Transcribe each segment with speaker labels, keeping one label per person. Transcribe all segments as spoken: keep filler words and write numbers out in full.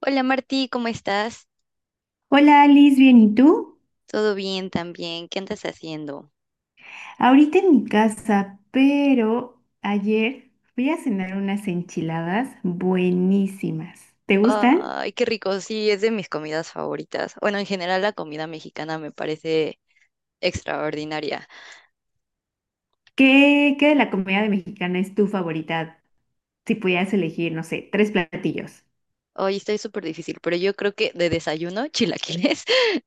Speaker 1: Hola Martí, ¿cómo estás?
Speaker 2: Hola Alice, ¿bien y tú?
Speaker 1: ¿Todo bien también? ¿Qué andas haciendo?
Speaker 2: Ahorita en mi casa, pero ayer fui a cenar unas enchiladas buenísimas. ¿Te gustan?
Speaker 1: Ay, qué rico, sí, es de mis comidas favoritas. Bueno, en general la comida mexicana me parece extraordinaria.
Speaker 2: ¿Qué, qué de la comida mexicana es tu favorita? Si pudieras elegir, no sé, tres platillos.
Speaker 1: Hoy estoy súper difícil, pero yo creo que de desayuno, chilaquiles,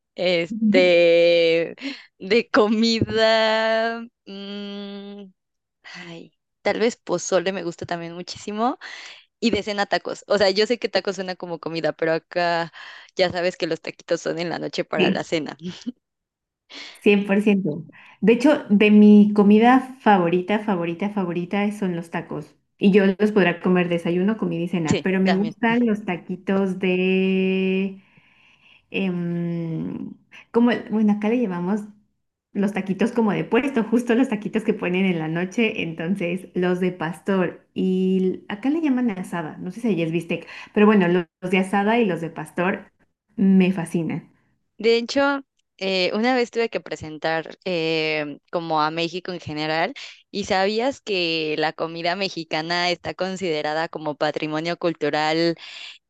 Speaker 2: Ujú.
Speaker 1: este, de comida, mm, ay, tal vez pozole me gusta también muchísimo y de cena tacos. O sea, yo sé que tacos suena como comida, pero acá ya sabes que los taquitos son en la noche para la
Speaker 2: Sí,
Speaker 1: cena.
Speaker 2: cien por ciento. De hecho, de mi comida favorita, favorita, favorita son los tacos. Y yo los podrá comer desayuno, comida y cena,
Speaker 1: Sí,
Speaker 2: pero me
Speaker 1: también.
Speaker 2: gustan los taquitos de em, como, el- bueno, acá le llamamos los taquitos como de puesto, justo los taquitos que ponen en la noche, entonces los de pastor. Y l- acá le llaman asada, no sé si allí es bistec, pero bueno, lo- los, de asada y los de pastor me fascinan.
Speaker 1: De hecho, eh, una vez tuve que presentar eh, como a México en general, y sabías que la comida mexicana está considerada como patrimonio cultural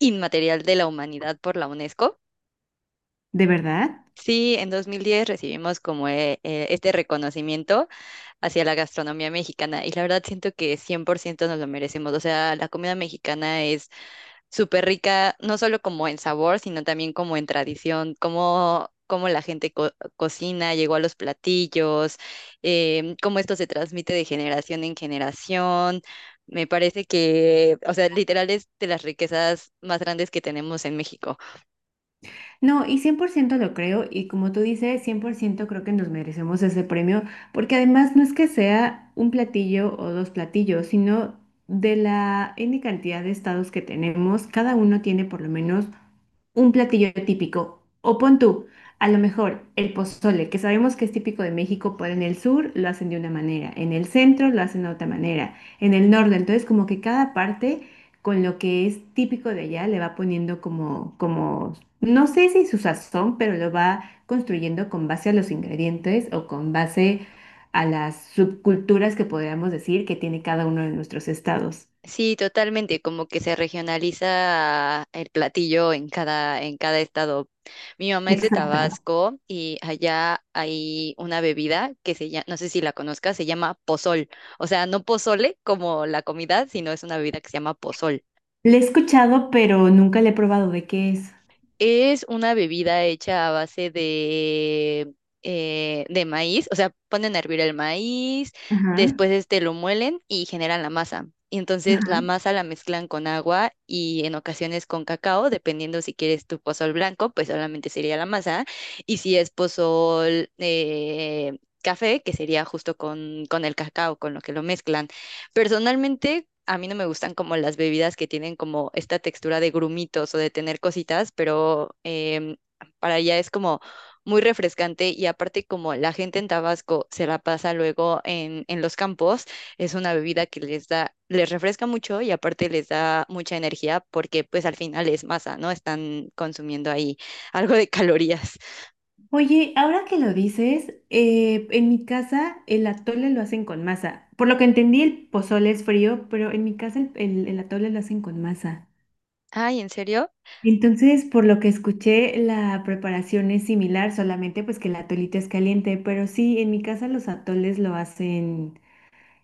Speaker 1: inmaterial de la humanidad por la UNESCO.
Speaker 2: ¿De verdad?
Speaker 1: Sí, en dos mil diez recibimos como eh, eh, este reconocimiento hacia la gastronomía mexicana y la verdad siento que cien por ciento nos lo merecemos. O sea, la comida mexicana súper rica, no solo como en sabor, sino también como en tradición, cómo, cómo la gente co- cocina, llegó a los platillos, em, cómo esto se transmite de generación en generación. Me parece que, o sea, literal es de las riquezas más grandes que tenemos en México.
Speaker 2: No, y cien por ciento lo creo, y como tú dices, cien por ciento creo que nos merecemos ese premio, porque además no es que sea un platillo o dos platillos, sino de la N cantidad de estados que tenemos, cada uno tiene por lo menos un platillo típico. O pon tú, a lo mejor el pozole, que sabemos que es típico de México, pero en el sur lo hacen de una manera, en el centro lo hacen de otra manera, en el norte. Entonces, como que cada parte con lo que es típico de allá le va poniendo como, como, no sé si su sazón, pero lo va construyendo con base a los ingredientes o con base a las subculturas que podríamos decir que tiene cada uno de nuestros estados.
Speaker 1: Sí, totalmente, como que se regionaliza el platillo en cada, en cada estado. Mi mamá es de
Speaker 2: Exacto.
Speaker 1: Tabasco y allá hay una bebida que se llama, no sé si la conozcas, se llama pozol. O sea, no pozole como la comida, sino es una bebida que se llama pozol.
Speaker 2: Le he escuchado, pero nunca le he probado de qué es.
Speaker 1: Es una bebida hecha a base de, eh, de maíz, o sea, ponen a hervir el maíz,
Speaker 2: Ajá,
Speaker 1: después este lo muelen y generan la masa. Y entonces la
Speaker 2: ajá.
Speaker 1: masa la mezclan con agua y en ocasiones con cacao, dependiendo si quieres tu pozol blanco, pues solamente sería la masa. Y si es pozol eh, café, que sería justo con, con el cacao, con lo que lo mezclan. Personalmente, a mí no me gustan como las bebidas que tienen como esta textura de grumitos o de tener cositas, pero em, para ella es como muy refrescante y aparte como la gente en Tabasco se la pasa luego en, en los campos, es una bebida que les da, les refresca mucho y aparte les da mucha energía porque pues al final es masa, ¿no? Están consumiendo ahí algo de calorías.
Speaker 2: Oye, ahora que lo dices, eh, en mi casa el atole lo hacen con masa. Por lo que entendí, el pozole es frío, pero en mi casa el, el- el atole lo hacen con masa.
Speaker 1: Ay, ¿en serio?
Speaker 2: Entonces, por lo que escuché, la preparación es similar, solamente pues que el atolito es caliente, pero sí, en mi casa los atoles lo hacen,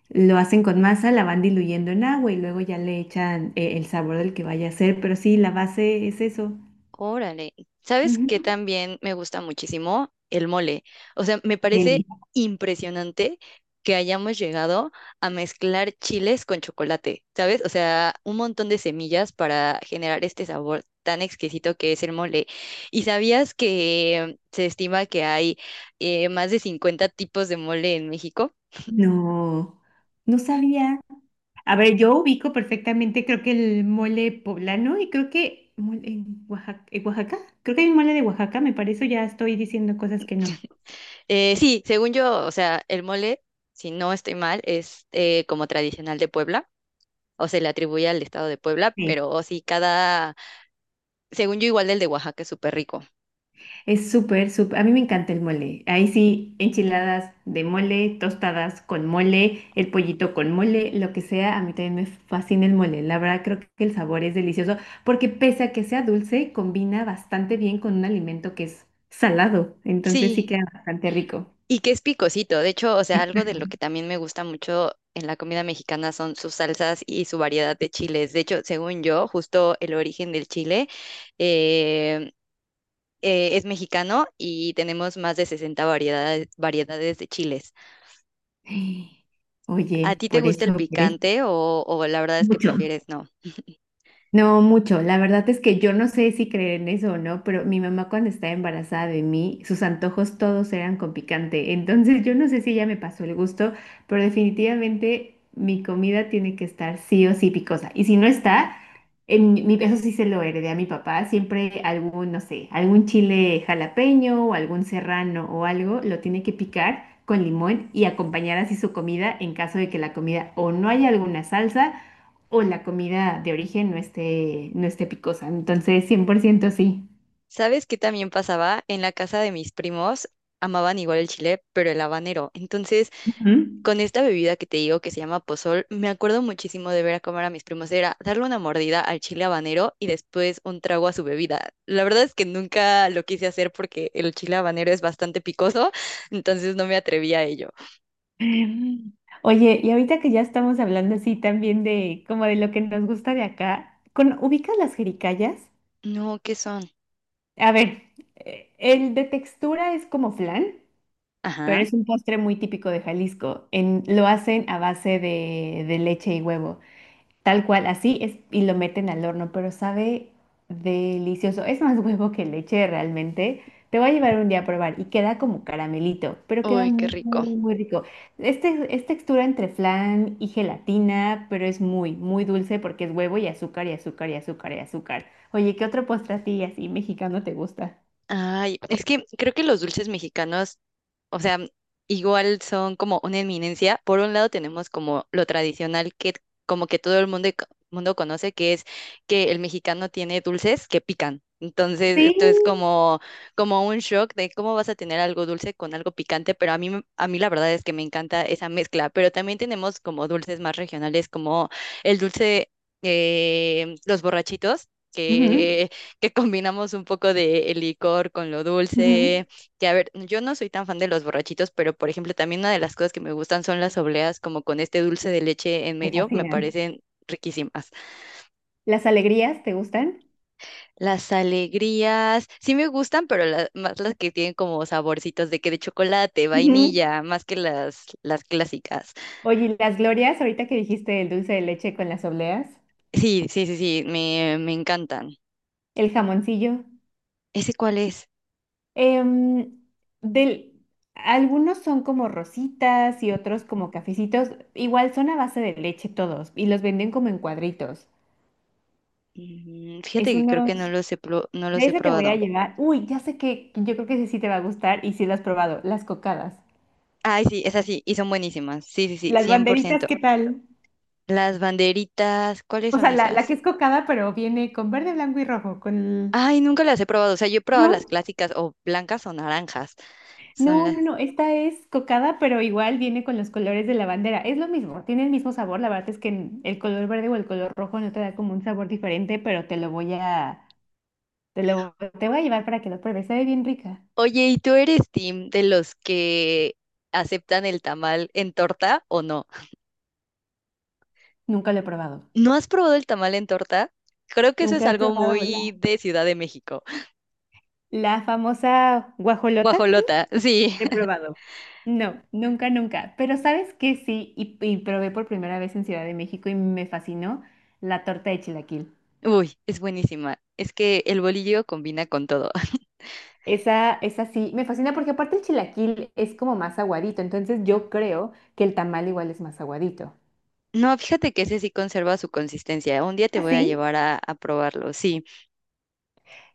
Speaker 2: lo hacen con masa, la van diluyendo en agua y luego ya le echan eh, el sabor del que vaya a ser, pero sí, la base es eso.
Speaker 1: Órale, ¿sabes qué
Speaker 2: Ujú.
Speaker 1: también me gusta muchísimo? El mole. O sea, me parece
Speaker 2: Deli.
Speaker 1: impresionante que hayamos llegado a mezclar chiles con chocolate, ¿sabes? O sea, un montón de semillas para generar este sabor tan exquisito que es el mole. ¿Y sabías que se estima que hay eh, más de cincuenta tipos de mole en México?
Speaker 2: No. No sabía. A ver, yo ubico perfectamente, creo que el mole poblano y creo que mole en Oaxaca, en Oaxaca, creo que hay un mole de Oaxaca, me parece, ya estoy diciendo cosas que no.
Speaker 1: Eh, sí, según yo, o sea, el mole, si no estoy mal, es eh, como tradicional de Puebla o se le atribuye al estado de Puebla,
Speaker 2: Sí.
Speaker 1: pero sí, cada, según yo, igual del de Oaxaca es súper rico.
Speaker 2: Es súper, súper, a mí me encanta el mole. Ahí sí, enchiladas de mole, tostadas con mole, el pollito con mole, lo que sea, a mí también me fascina el mole. La verdad, creo que el sabor es delicioso, porque pese a que sea dulce, combina bastante bien con un alimento que es salado, entonces sí
Speaker 1: Sí,
Speaker 2: queda bastante rico.
Speaker 1: y que es picosito. De hecho, o sea, algo de lo que también me gusta mucho en la comida mexicana son sus salsas y su variedad de chiles. De hecho, según yo, justo el origen del chile eh, eh, es mexicano y tenemos más de sesenta variedades, variedades de chiles. ¿A
Speaker 2: Oye,
Speaker 1: ti te
Speaker 2: por
Speaker 1: gusta el
Speaker 2: eso, por eso,
Speaker 1: picante o, o la verdad es que
Speaker 2: mucho.
Speaker 1: prefieres no?
Speaker 2: No mucho, la verdad es que yo no sé si creer en eso o no, pero mi mamá cuando estaba embarazada de mí, sus antojos todos eran con picante, entonces yo no sé si ella me pasó el gusto, pero definitivamente mi comida tiene que estar sí o sí picosa, y si no está, en mi, eso sí se lo heredé a mi papá, siempre algún, no sé, algún chile jalapeño o algún serrano o algo, lo tiene que picar con limón y acompañar así su comida en caso de que la comida o no haya alguna salsa o la comida de origen no esté, no esté picosa. Entonces, cien por ciento sí.
Speaker 1: ¿Sabes qué también pasaba? En la casa de mis primos amaban igual el chile, pero el habanero. Entonces,
Speaker 2: Ujú.
Speaker 1: con esta bebida que te digo que se llama pozol, me acuerdo muchísimo de ver a comer a mis primos. Era darle una mordida al chile habanero y después un trago a su bebida. La verdad es que nunca lo quise hacer porque el chile habanero es bastante picoso, entonces no me atreví a ello.
Speaker 2: Oye, y ahorita que ya estamos hablando así también de como de lo que nos gusta de acá, ¿con, ubicas las jericayas?
Speaker 1: No, ¿qué son?
Speaker 2: A ver, eh, el de textura es como flan, pero
Speaker 1: Ajá.
Speaker 2: es un postre muy típico de Jalisco. En, lo hacen a base de, de leche y huevo. Tal cual, así es, y lo meten al horno, pero sabe delicioso. Es más huevo que leche realmente. Te voy a llevar un día a probar y queda como caramelito, pero queda
Speaker 1: Uy, qué
Speaker 2: muy,
Speaker 1: rico.
Speaker 2: muy rico. Este es textura entre flan y gelatina, pero es muy, muy dulce porque es huevo y azúcar y azúcar y azúcar y azúcar. Oye, ¿qué otro postre a ti así mexicano te gusta?
Speaker 1: Ay, es que creo que los dulces mexicanos, o sea, igual son como una eminencia. Por un lado tenemos como lo tradicional que como que todo el mundo, mundo conoce, que es que el mexicano tiene dulces que pican. Entonces,
Speaker 2: Sí.
Speaker 1: esto es como, como un shock de cómo vas a tener algo dulce con algo picante, pero a mí, me- a mí la verdad es que me encanta esa mezcla. Pero también tenemos como dulces más regionales, como el dulce, eh, los borrachitos,
Speaker 2: Ujú,
Speaker 1: que que combinamos un poco de el licor con lo
Speaker 2: ujú.
Speaker 1: dulce, que a ver, yo no soy tan fan de los borrachitos, pero por ejemplo, también una de las cosas que me gustan son las obleas, como con este dulce de leche en
Speaker 2: Me
Speaker 1: medio, me
Speaker 2: fascinan.
Speaker 1: parecen riquísimas.
Speaker 2: ¿Las alegrías te gustan?
Speaker 1: Las alegrías, sí me gustan, pero la- más las que tienen como saborcitos de que de chocolate,
Speaker 2: Ujú.
Speaker 1: vainilla, más que las, las clásicas.
Speaker 2: Oye, ¿y las glorias, ahorita que dijiste el dulce de leche con las obleas,
Speaker 1: Sí, sí, sí, sí, me, me encantan.
Speaker 2: el jamoncillo,
Speaker 1: ¿Ese cuál es?
Speaker 2: em, del, algunos son como rositas y otros como cafecitos, igual son a base de leche todos y los venden como en cuadritos?
Speaker 1: Mm, Fíjate
Speaker 2: Es
Speaker 1: que creo que no
Speaker 2: unos,
Speaker 1: los he, pro- no
Speaker 2: de
Speaker 1: los he
Speaker 2: ese te voy a
Speaker 1: probado.
Speaker 2: llevar. Uy, ya sé que yo creo que ese sí te va a gustar y sí lo has probado, las cocadas.
Speaker 1: Ay, sí, esas sí, y son buenísimas. Sí, sí, sí,
Speaker 2: Las
Speaker 1: cien por
Speaker 2: banderitas,
Speaker 1: ciento.
Speaker 2: ¿qué tal?
Speaker 1: Las banderitas, ¿cuáles
Speaker 2: O
Speaker 1: son
Speaker 2: sea, la, la
Speaker 1: esas?
Speaker 2: que es cocada, pero viene con verde, blanco y rojo, con... el-
Speaker 1: Ay, nunca las he probado. O sea, yo he probado las
Speaker 2: ¿No?
Speaker 1: clásicas o blancas o naranjas. Son
Speaker 2: No,
Speaker 1: las...
Speaker 2: no, no, esta es cocada, pero igual viene con los colores de la bandera. Es lo mismo, tiene el mismo sabor. La verdad es que n- el color verde o el color rojo no te da como un sabor diferente, pero te lo voy a, te lo, te voy a llevar para que lo pruebes. Sabe bien rica.
Speaker 1: Oye, ¿y tú eres team de los que aceptan el tamal en torta o no?
Speaker 2: Nunca lo he probado.
Speaker 1: ¿No has probado el tamal en torta? Creo que eso es
Speaker 2: Nunca he
Speaker 1: algo
Speaker 2: probado la,
Speaker 1: muy de Ciudad de México.
Speaker 2: la famosa guajolota, creo.
Speaker 1: Guajolota, sí.
Speaker 2: He probado. No, nunca, nunca. Pero sabes que sí, y, y probé por primera vez en Ciudad de México y me fascinó la torta de chilaquil.
Speaker 1: Uy, es buenísima. Es que el bolillo combina con todo.
Speaker 2: Esa, esa sí, me fascina porque aparte el chilaquil es como más aguadito, entonces yo creo que el tamal igual es más aguadito.
Speaker 1: No, fíjate que ese sí conserva su consistencia. Un día te voy a
Speaker 2: ¿Así?
Speaker 1: llevar a, a probarlo, sí.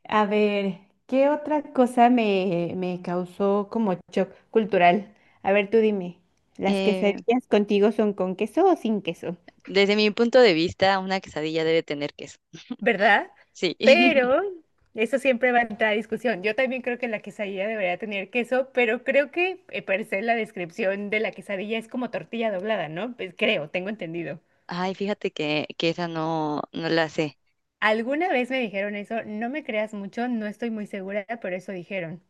Speaker 2: A ver, ¿qué otra cosa me, me causó como shock cultural? A ver, tú dime, ¿las
Speaker 1: Eh,
Speaker 2: quesadillas contigo son con queso o sin queso?
Speaker 1: desde mi punto de vista, una quesadilla debe tener queso.
Speaker 2: ¿Verdad?
Speaker 1: Sí.
Speaker 2: Pero eso siempre va a entrar a discusión. Yo también creo que la quesadilla debería tener queso, pero creo que eh, parece la descripción de la quesadilla es como tortilla doblada, ¿no? Pues creo, tengo entendido.
Speaker 1: Ay, fíjate que, que esa no, no la sé.
Speaker 2: Alguna vez me dijeron eso, no me creas mucho, no estoy muy segura, pero eso dijeron.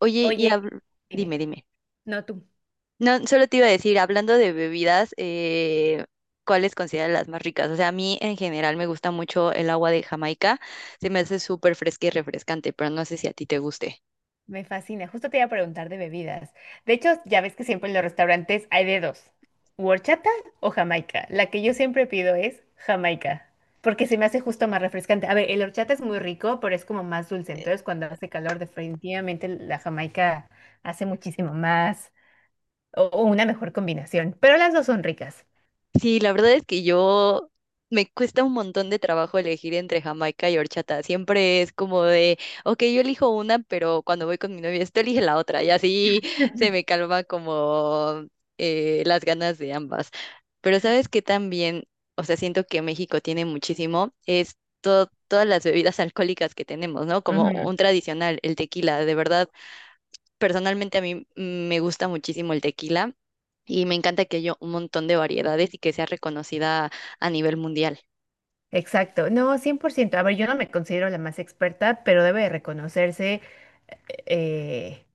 Speaker 1: Oye, y
Speaker 2: Oye,
Speaker 1: habl-
Speaker 2: dime,
Speaker 1: dime, dime.
Speaker 2: no tú,
Speaker 1: No, solo te iba a decir, hablando de bebidas, eh, ¿cuáles consideras las más ricas? O sea, a mí en general me gusta mucho el agua de Jamaica. Se me hace súper fresca y refrescante, pero no sé si a ti te guste.
Speaker 2: me fascina. Justo te iba a preguntar de bebidas. De hecho, ya ves que siempre en los restaurantes hay de dos, o horchata o jamaica. La que yo siempre pido es jamaica, porque se me hace justo más refrescante. A ver, el horchata es muy rico, pero es como más dulce. Entonces, cuando hace calor, definitivamente la jamaica hace muchísimo más o, o una mejor combinación, pero las dos son ricas.
Speaker 1: Sí, la verdad es que yo me cuesta un montón de trabajo elegir entre jamaica y horchata. Siempre es como de, ok, yo elijo una, pero cuando voy con mi novia, esto elige la otra. Y así se me calma como eh, las ganas de ambas. Pero sabes que también, o sea, siento que México tiene muchísimo, es to- todas las bebidas alcohólicas que tenemos, ¿no? Como
Speaker 2: Ujú.
Speaker 1: un tradicional, el tequila. De verdad, personalmente a mí mm, me gusta muchísimo el tequila. Y me encanta que haya un montón de variedades y que sea reconocida a nivel mundial.
Speaker 2: Exacto, no, cien por ciento. A ver, yo no me considero la más experta, pero debe de reconocerse eh,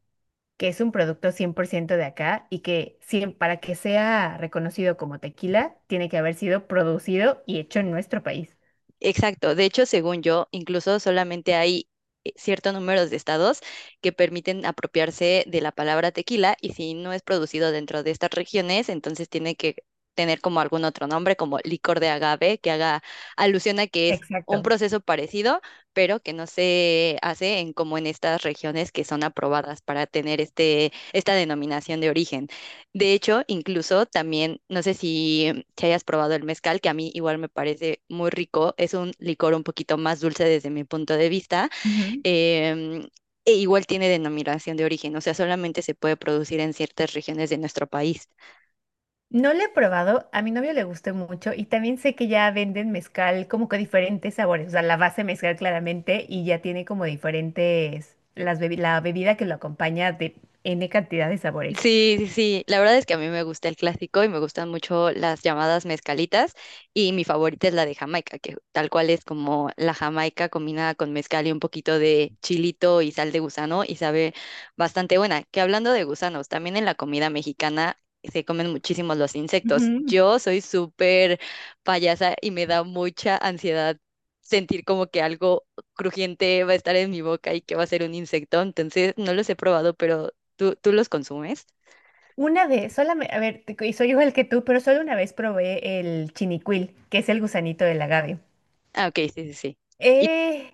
Speaker 2: que es un producto cien por ciento de acá y que cien para que sea reconocido como tequila, tiene que haber sido producido y hecho en nuestro país.
Speaker 1: Exacto. De hecho, según yo, incluso solamente hay eh, cierto número de estados que permiten apropiarse de la palabra tequila y si no es producido dentro de estas regiones, entonces tiene que tener como algún otro nombre, como licor de agave, que haga alusión a que es un
Speaker 2: Exacto.
Speaker 1: proceso parecido, pero que no se hace en como en estas regiones que son aprobadas para tener este, esta denominación de origen. De hecho, incluso también, no sé si te hayas probado el mezcal, que a mí igual me parece muy rico. Es un licor un poquito más dulce desde mi punto de vista.
Speaker 2: Ujú.
Speaker 1: em, e igual tiene denominación de origen, o sea, solamente se puede producir en ciertas regiones de nuestro país.
Speaker 2: No lo he probado, a mi novio le gustó mucho y también sé que ya venden mezcal como que diferentes sabores, o sea, la base mezcal claramente y ya tiene como diferentes, las bebi- la bebida que lo acompaña de N cantidad de sabores.
Speaker 1: Sí, sí, sí. La verdad es que a mí me gusta el clásico y me gustan mucho las llamadas mezcalitas y mi favorita es la de Jamaica, que tal cual es como la Jamaica combinada con mezcal y un poquito de chilito y sal de gusano y sabe bastante buena. Que hablando de gusanos, también en la comida mexicana se comen muchísimos los insectos. Yo soy súper payasa y me da mucha ansiedad sentir como que algo crujiente va a estar en mi boca y que va a ser un insecto. Entonces, no los he probado, pero ¿Tú, tú los consumes?
Speaker 2: Una vez, solamente, a ver, te- y soy igual que tú, pero solo una vez probé el chinicuil, que es el gusanito del agave.
Speaker 1: Ah, ok, sí, sí, sí. Y
Speaker 2: Eh,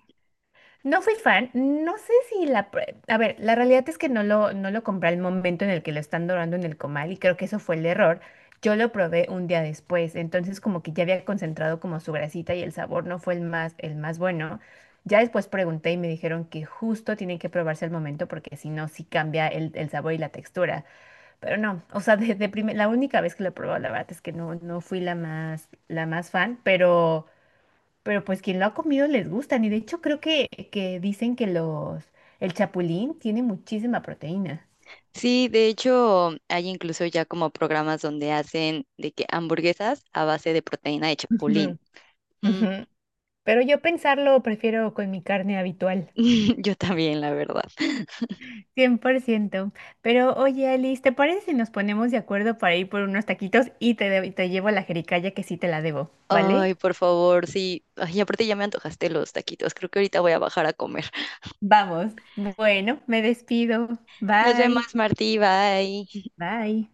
Speaker 2: no fui fan, no sé si la... pr- a ver, la realidad es que no lo, no lo compré al momento en el que lo están dorando en el comal y creo que eso fue el error. Yo lo probé un día después, entonces como que ya había concentrado como su grasita y el sabor no fue el más, el más bueno. Ya después pregunté y me dijeron que justo tienen que probarse al momento porque si no, sí cambia el el sabor y la textura. Pero no, o sea, desde la única vez que lo he probado, la verdad es que no, no fui la más, la más fan, pero, pero pues quien lo ha comido les gustan. Y de hecho creo que, que dicen que los, el chapulín tiene muchísima proteína.
Speaker 1: sí, de hecho, hay incluso ya como programas donde hacen de que hamburguesas a base de proteína de chapulín.
Speaker 2: Ujú,
Speaker 1: Mm,
Speaker 2: ujú. Pero yo pensarlo prefiero con mi carne habitual.
Speaker 1: Yo también, la verdad.
Speaker 2: Cien por ciento. Pero oye, Alice, ¿te parece si nos ponemos de acuerdo para ir por unos taquitos y te, de- te llevo la jericaya que sí te la debo, vale?
Speaker 1: Ay, por favor, sí. Ay, aparte ya me antojaste los taquitos. Creo que ahorita voy a bajar a comer.
Speaker 2: Vamos. Bueno, me despido.
Speaker 1: Nos vemos,
Speaker 2: Bye.
Speaker 1: Martí. Bye.
Speaker 2: Bye.